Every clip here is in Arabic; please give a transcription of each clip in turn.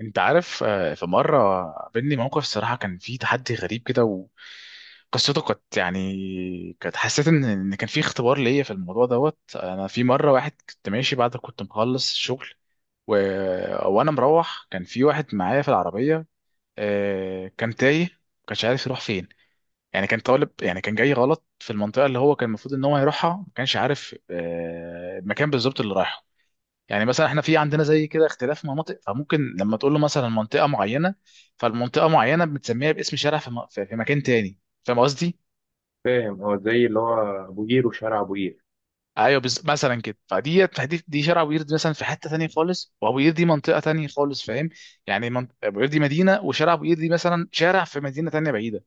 انت عارف، في مره قابلني موقف الصراحه كان فيه تحدي غريب كده. وقصته كانت كانت حسيت ان كان فيه اختبار ليا في الموضوع دوت. انا في مره واحد كنت ماشي بعد كنت مخلص الشغل و... وانا مروح كان في واحد معايا في العربيه. كان تايه كانش عارف يروح فين. يعني كان طالب كان جاي غلط في المنطقه اللي هو كان المفروض ان هو يروحها، ما كانش عارف المكان بالظبط اللي رايحه. يعني مثلا احنا في عندنا زي كده اختلاف مناطق، فممكن لما تقول له مثلا منطقه معينه، فالمنطقه معينه بتسميها باسم شارع في, م... في في مكان تاني. فاهم قصدي؟ فاهم، هو زي اللي هو ابو قير وشارع ابو قير. ايوه مثلا كده فدي دي دي شارع ابو قير مثلا في حته تانيه خالص، وابو قير دي منطقه تانيه خالص. فاهم؟ يعني ابو قير دي مدينه، وشارع ابو قير دي مثلا شارع في مدينه تانيه بعيده.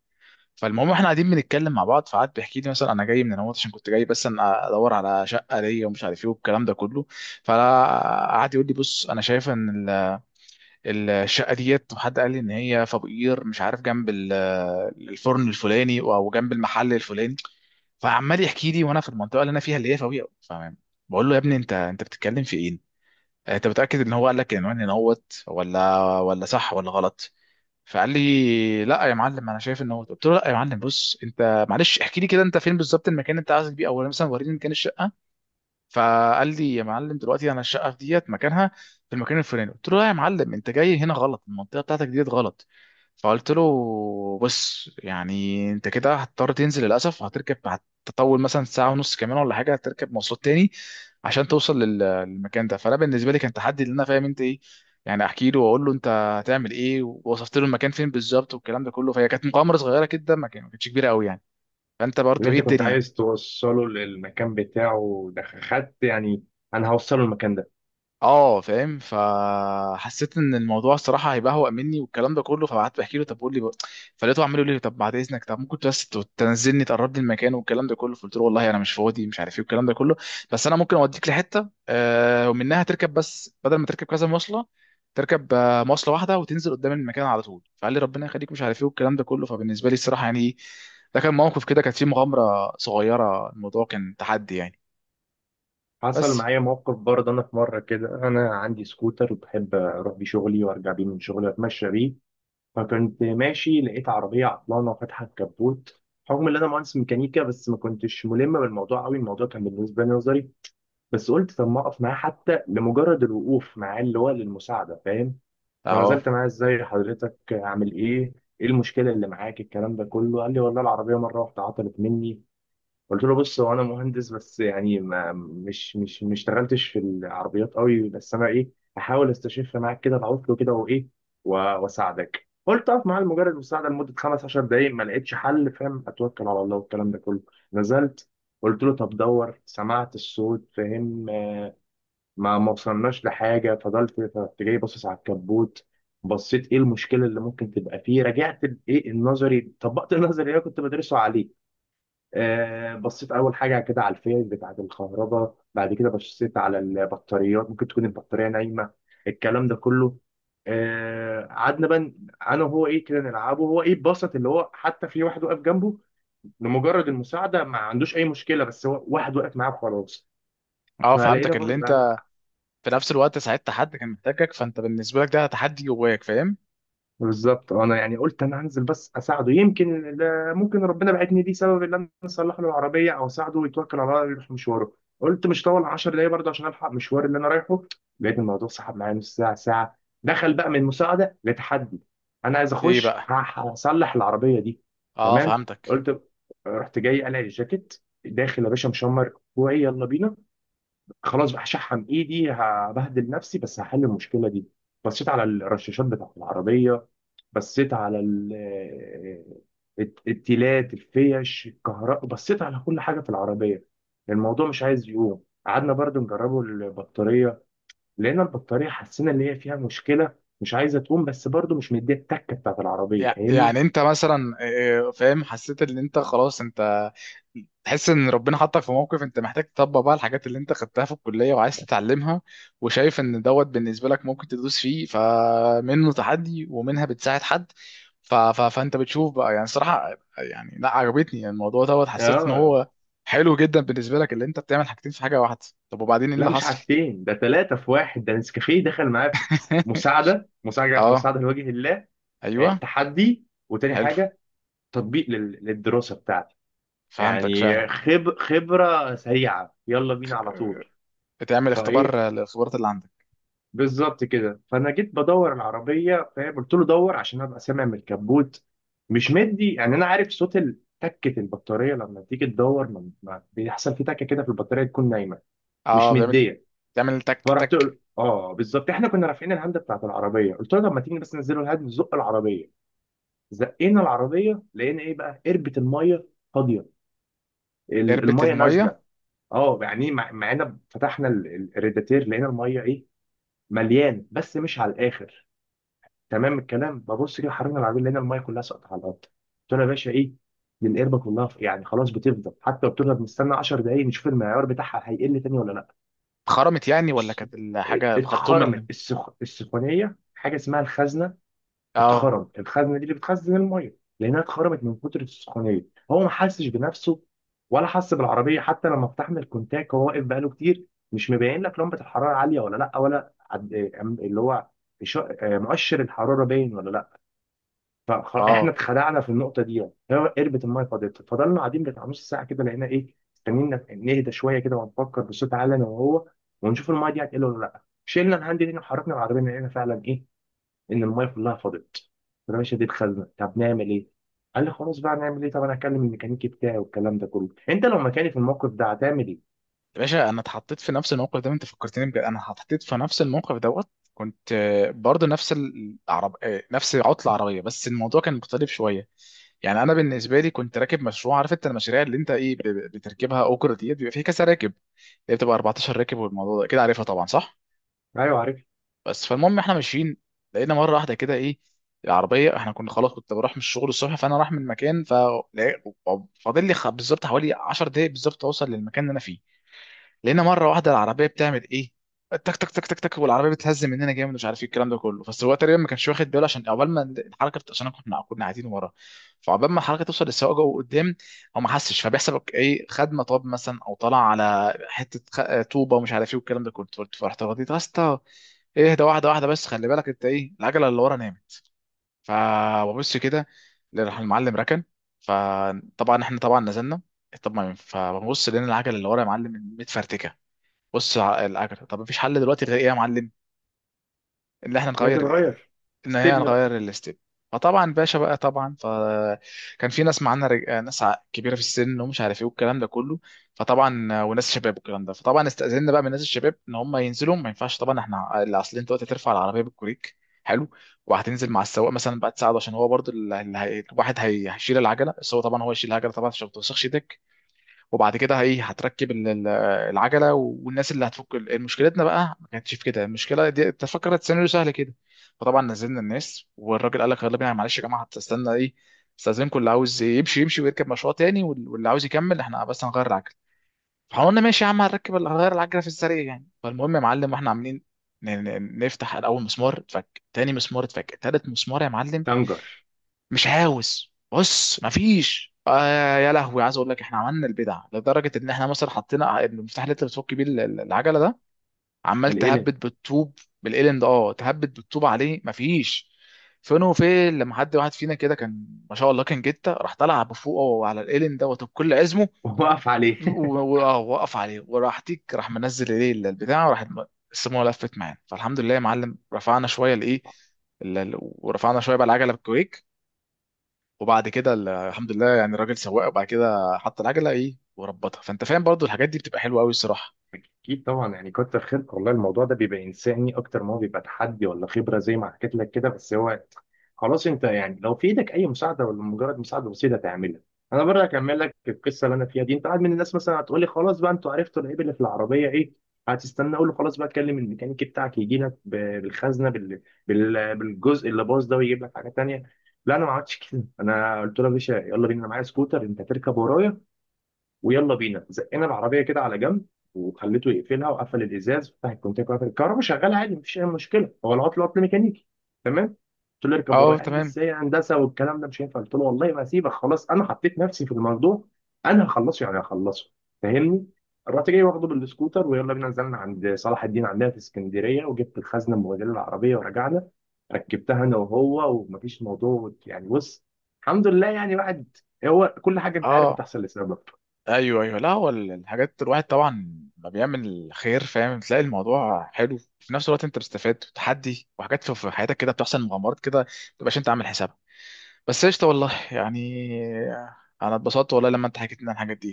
فالمهم احنا قاعدين بنتكلم مع بعض. فقعد بيحكي لي، مثلا انا جاي من النمط عشان كنت جاي، بس انا ادور على شقه ليا ومش عارف ايه والكلام ده كله. فقعد يقول لي بص، انا شايف ان الشقه ديت وحد قال لي ان هي في ابو قير، مش عارف جنب الفرن الفلاني او جنب المحل الفلاني. فعمال يحكي لي وانا في المنطقه اللي انا فيها، اللي هي في ابو قير، فاهم. بقول له يا ابني انت بتتكلم في ايه؟ انت متاكد ان هو قال لك العنوان هنا هوت، ولا صح ولا غلط؟ فقال لي لا يا معلم انا شايف ان هو، قلت له لا يا معلم بص، انت معلش احكي لي كده، انت فين بالظبط المكان اللي انت عايز بيه، او مثلا وريني مكان الشقه. فقال لي يا معلم دلوقتي انا الشقه في ديت مكانها في المكان الفلاني. قلت له لا يا معلم انت جاي هنا غلط، المنطقه بتاعتك ديت غلط. فقلت له بص، يعني انت كده هتضطر تنزل للاسف، هتركب، هتطول مثلا ساعه ونص كمان ولا حاجه، هتركب مواصلات تاني عشان توصل للمكان ده. فانا بالنسبه لي كان تحدي ان انا فاهم انت ايه، يعني احكي له واقول له انت هتعمل ايه، ووصفت له المكان فين بالظبط والكلام ده كله. فهي كانت مغامره صغيره كده، ما كانتش كبيره قوي يعني. فانت اللي برضو ايه انت كنت الدنيا. عايز توصله للمكان بتاعه ده خدت، يعني انا هوصله المكان ده. اه فاهم. فحسيت ان الموضوع الصراحه هيبهوأ مني والكلام ده كله، فقعدت بحكي له طب قول لي بقى. فلقيته عمال يقول لي طب بعد اذنك، طب ممكن بس تنزلني تقرب لي المكان والكلام ده كله. فقلت له والله انا مش فاضي، مش عارف ايه والكلام ده كله، بس انا ممكن اوديك لحته ومنها تركب، بس بدل ما تركب كذا مواصله، تركب، مواصله واحده وتنزل قدام المكان على طول. فقال لي ربنا يخليك، مش عارف ايه والكلام ده كله. فبالنسبه لي الصراحه يعني ده كان موقف كده كانت فيه مغامره صغيره، الموضوع كان تحدي يعني. حصل بس. معايا موقف برضه، انا في مره كده. انا عندي سكوتر وبحب اروح بيه شغلي وارجع بيه من شغلي واتمشى بيه. فكنت ماشي لقيت عربيه عطلانه وفاتحه الكبوت. رغم ان انا مهندس ميكانيكا بس ما كنتش ملم بالموضوع قوي، الموضوع كان بالنسبه لي نظري. بس قلت طب ما اقف معاه حتى لمجرد الوقوف معاه اللي هو للمساعده، فاهم. اهو. فنزلت معاه، ازاي حضرتك عامل ايه، ايه المشكله اللي معاك، الكلام ده كله. قال لي والله العربيه مره واحده عطلت مني. قلت له بص، هو انا مهندس بس يعني ما مش مش ما اشتغلتش في العربيات قوي، بس انا ايه، هحاول استشف معاك كده العطل كده وايه و- واساعدك. قلت اقف معاه لمجرد المساعده لمده 15 دقائق ما لقيتش حل، فاهم، اتوكل على الله والكلام ده كله. نزلت، قلت له طب دور، سمعت الصوت، فاهم، ما وصلناش لحاجه. فضلت جاي باصص على الكبوت، بصيت ايه المشكله اللي ممكن تبقى فيه. رجعت ايه النظري، طبقت النظري اللي انا كنت بدرسه عليه. آه، بصيت اول حاجه كده على الفئر بتاعه الكهرباء، بعد كده بصيت على البطاريات، ممكن تكون البطاريه نايمه الكلام ده كله. آه، قعدنا بقى انا وهو ايه كده نلعبه، هو ايه بسط اللي هو، حتى في واحد واقف جنبه لمجرد المساعده، ما عندوش اي مشكله، بس هو واحد واقف معاه وخلاص. اه فلقينا فهمتك، اللي برضو انت يعني في نفس الوقت ساعدت حد كان محتاجك، فانت بالنسبه لك ده تحدي جواك، فاهم. بالظبط، آه، انا يعني قلت انا هنزل بس اساعده، يمكن ممكن ربنا بعتني ليه سبب ان انا اصلح له العربيه او اساعده يتوكل على الله يروح مشواره. قلت مش طول 10 دقايق برضه عشان الحق مشوار اللي انا رايحه. لقيت الموضوع سحب معايا نص ساعه ساعه، دخل بقى من مساعده لتحدي، انا عايز ايه اخش بقى. هصلح العربيه دي. اه تمام، فهمتك. قلت رحت جاي قلع الجاكيت، داخل يا باشا مشمر كوعي يلا بينا، خلاص بقى هشحم ايدي هبهدل نفسي بس هحل المشكله دي. بصيت على الرشاشات بتاعت العربيه، بصيت على التيلات، الفيش، الكهرباء، بصيت على كل حاجه في العربيه. الموضوع مش عايز يقوم، قعدنا برضو نجربه البطاريه، لقينا البطاريه حسينا ان هي فيها مشكله، مش عايزه تقوم بس برضو مش مديه التكه بتاعت العربيه، فاهمني. يعني انت مثلا، فاهم، حسيت ان انت خلاص، انت تحس ان ربنا حطك في موقف انت محتاج تطبق بقى الحاجات اللي انت خدتها في الكليه وعايز تتعلمها، وشايف ان دوت بالنسبه لك ممكن تدوس فيه، فمنه تحدي ومنها بتساعد حد. فانت بتشوف بقى يعني صراحه، يعني لا عجبتني الموضوع دوت، حسيت ان اه، هو حلو جدا بالنسبه لك، اللي انت بتعمل حاجتين في حاجه واحده. طب وبعدين ايه اللي لا مش حصل؟ حاجتين، ده ثلاثه في واحد، ده نسكافيه دخل معايا مساعده مساعده اه. مساعده لوجه الله، آه، ايوه. تحدي، وتاني حلو. حاجة تطبيق للدراسة بتاعتي، فهمتك فعلا. يعني خبرة سريعة، يلا بينا على طول. بتعمل فايه اختبار للخبرات اللي عندك. بالظبط كده، فانا جيت بدور العربية، فاهم، قلت له دور عشان ابقى سامع من الكبوت مش مدي، يعني انا عارف صوت تكة البطارية لما تيجي تدور، بيحصل في تكة كده في البطارية تكون نايمة مش اه بتعمل مدية. تعمل تك فرحت تك. اه بالظبط، احنا كنا رافعين الهاند بتاعت العربية، قلت له لما تيجي بس ننزلوا الهاند نزق العربية. زقينا العربية لقينا ايه بقى، قربة المية فاضية، قربة الميه المية نازله. اه يعني إيه، مع ان فتحنا الريداتير لقينا الميه ايه، مليان بس مش على الاخر. تمام الكلام، ببص كده حركنا العربيه لقينا الميه كلها سقطت على الارض، قلت له يا باشا ايه دي، القربه كلها يعني خلاص بتفضل، حتى لو بتفضل بنستنى 10 دقايق نشوف المعيار بتاعها هيقل تاني ولا لا. خرمت يعني، ولا بص، كانت الحاجة الخرطوم اللي؟ السخونيه، حاجه اسمها الخزنه، اه. اتخرم الخزنه دي اللي بتخزن الميه لانها اتخرمت من كتر السخونيه. هو ما حسش بنفسه ولا حس بالعربيه، حتى لما فتحنا الكونتاك وهو واقف بقاله كتير مش مبين لك لمبه الحراره عاليه ولا لا، ولا عد... أم- اللي هو إش- آه، مؤشر الحراره باين ولا لا. فاحنا اه اتخدعنا في النقطه دي، يعني هو قربت الميه فاضت، فضلنا قاعدين بتاع نص ساعه كده لقينا ايه، استنينا نهدى شويه كده ونفكر بصوت عالي انا وهو ونشوف الميه دي هتقل ولا لا. شلنا الهاند دي وحركنا العربيه لقينا فعلا ايه، ان المايه كلها فاضت. فانا مش هديت خزنه، طب نعمل ايه؟ قال لي خلاص بقى نعمل ايه؟ طب انا هكلم الميكانيكي بتاعي والكلام ده كله، انت لو مكاني في الموقف ده هتعمل ايه؟ يا باشا انا اتحطيت في نفس الموقف ده، انت فكرتني بجد، انا اتحطيت في نفس الموقف دوت. كنت برضه نفس العرب آه، نفس عطله عربيه بس الموضوع كان مختلف شويه. يعني انا بالنسبه لي كنت راكب مشروع، عارف انت المشاريع اللي انت بتركبها، اوجر ديت بيبقى فيه كذا راكب، اللي بتبقى 14 راكب، والموضوع ده كده عارفها طبعا صح؟ ايوه عارف. بس. فالمهم احنا ماشيين، لقينا مره واحده كده ايه، العربيه احنا كنا خلاص، كنت بروح من الشغل الصبح فانا رايح من مكان، فاضل لي بالظبط حوالي 10 دقايق بالظبط اوصل للمكان اللي انا فيه. لقينا مره واحده العربيه بتعمل ايه، تك تك تك تك تك، والعربيه بتهز مننا جامد، ومش عارف ايه الكلام ده كله، بس هو تقريبا ما كانش واخد باله عشان عقبال ما الحركه، عشان كنا قاعدين ورا، فعقبال ما الحركه توصل للسواق جوه قدام هو ما حسش، فبيحسب ايه، خد مطب مثلا او طلع على حته طوبه ومش عارف ايه والكلام ده كله. فرحت رديت يا اسطى اهدى واحده واحده، بس خلي بالك انت ايه، العجله اللي ورا نامت. فببص كده، راح المعلم ركن، فطبعا احنا طبعا نزلنا. طب ما فببص لقينا العجله اللي ورا يا معلم متفرتكه. بص العجلة، طب مفيش حل دلوقتي غير ايه يا معلم، ان احنا لا نغير تتغير، ان هي استبن بقى، نغير الاستيب. فطبعا باشا بقى طبعا، فكان في ناس معانا ناس كبيره في السن ومش عارف ايه والكلام ده كله، فطبعا وناس شباب والكلام ده. فطبعا استاذنا بقى من الناس الشباب ان هم ينزلوا، ما ينفعش طبعا احنا اللي اصل، انت دلوقتي هترفع العربيه بالكوريك، حلو، وهتنزل مع السواق مثلا بقى تساعده، عشان هو برضو اللي هي، الواحد هي، هيشيل العجله، بس هو طبعا هو يشيل العجله طبعا عشان ما توسخش. وبعد كده هي هتركب العجله، والناس اللي هتفك مشكلتنا بقى ما كانتش في كده، المشكله دي انت فكرت سيناريو سهل كده. فطبعا نزلنا الناس، والراجل قال لك يلا بينا معلش يا جماعه، هتستنى ايه، استاذنكم اللي عاوز يمشي يمشي ويركب مشروع تاني، واللي عاوز يكمل احنا بس هنغير العجله. فقلنا ماشي يا عم، هنركب هنغير العجله في السريع يعني. فالمهم يا معلم واحنا عاملين نفتح الاول مسمار اتفك، تاني مسمار اتفك، تالت مسمار يا معلم تنجر مش عاوز، بص مفيش، يا لهوي عايز اقول لك احنا عملنا البدع لدرجه ان احنا مثلا حطينا المفتاح اللي انت بتفك بيه العجله ده، عمال القلم تهبد بالطوب، بالقلم ده، اه تهبد بالطوب عليه مفيش. فين وفين، لما حد واحد فينا كده كان ما شاء الله كان جته، راح طلع بفوقه على القلم دوت بكل عزمه، ووقف عليه. وقف عليه، وراح تيك، راح منزل ايه البتاع، وراح السموه لفت معانا. فالحمد لله يا معلم رفعنا شويه الايه ورفعنا شويه بقى العجله بالكويك. وبعد كده الحمد لله يعني الراجل سواق، وبعد كده حط العجله ايه وربطها، فانت فاهم برضو الحاجات دي بتبقى حلوه قوي الصراحه. اكيد طبعا، يعني كتر خيرك والله. الموضوع ده بيبقى انساني اكتر ما هو بيبقى تحدي ولا خبره، زي ما حكيت لك كده. بس هو خلاص، انت يعني لو في ايدك اي مساعده ولا مجرد مساعده بسيطه تعملها. انا برضه هكمل لك القصه اللي انا فيها دي. انت واحد من الناس مثلا هتقول لي خلاص بقى انتوا عرفتوا العيب اللي في العربيه ايه، هتستنى اقول له خلاص بقى كلم الميكانيكي بتاعك يجي لك بالخزنه، بالجزء اللي باظ ده ويجيب لك حاجه تانيه. لا انا ما عملتش كده، انا قلت له يا باشا يلا بينا، أنا معايا سكوتر انت هتركب ورايا، ويلا بينا. زقنا العربيه كده على جنب، وخليته يقفلها، وقفل الازاز وفتح الكونتاكت وقفل الكهرباء، شغاله عادي مفيش اي مشكله، هو العطل عطل ميكانيكي، تمام. قلت له اركب اه ورايا، قال لي تمام. ازاي يا هندسه والكلام ده مش هينفع، قلت له والله ما هسيبك، خلاص انا حطيت نفسي في الموضوع، انا هخلصه، يعني هخلصه، فاهمني. رحت جاي واخده بالسكوتر ويلا بينا، نزلنا عند صلاح الدين عندنا في اسكندريه وجبت الخزنه المبهدله العربيه ورجعنا. ركبتها انا وهو ومفيش موضوع، يعني بص، الحمد لله يعني. واحد هو كل حاجه، انت عارف، اه بتحصل لسبب. ايوه ايوه. لا هو الحاجات الواحد طبعا ما بيعمل خير فاهم، تلاقي الموضوع حلو، في نفس الوقت انت بتستفاد تحدي وحاجات في حياتك كده بتحصل مغامرات كده ما تبقاش انت عامل حسابها. بس قشطه والله يعني، انا اتبسطت والله لما انت حكيت لنا الحاجات دي.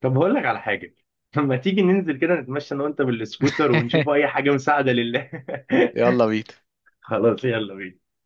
طب هقول لك على حاجة، لما تيجي ننزل كده نتمشى انا وانت بالسكوتر ونشوف اي حاجة مساعدة لله. يلا بينا. خلاص يلا بينا.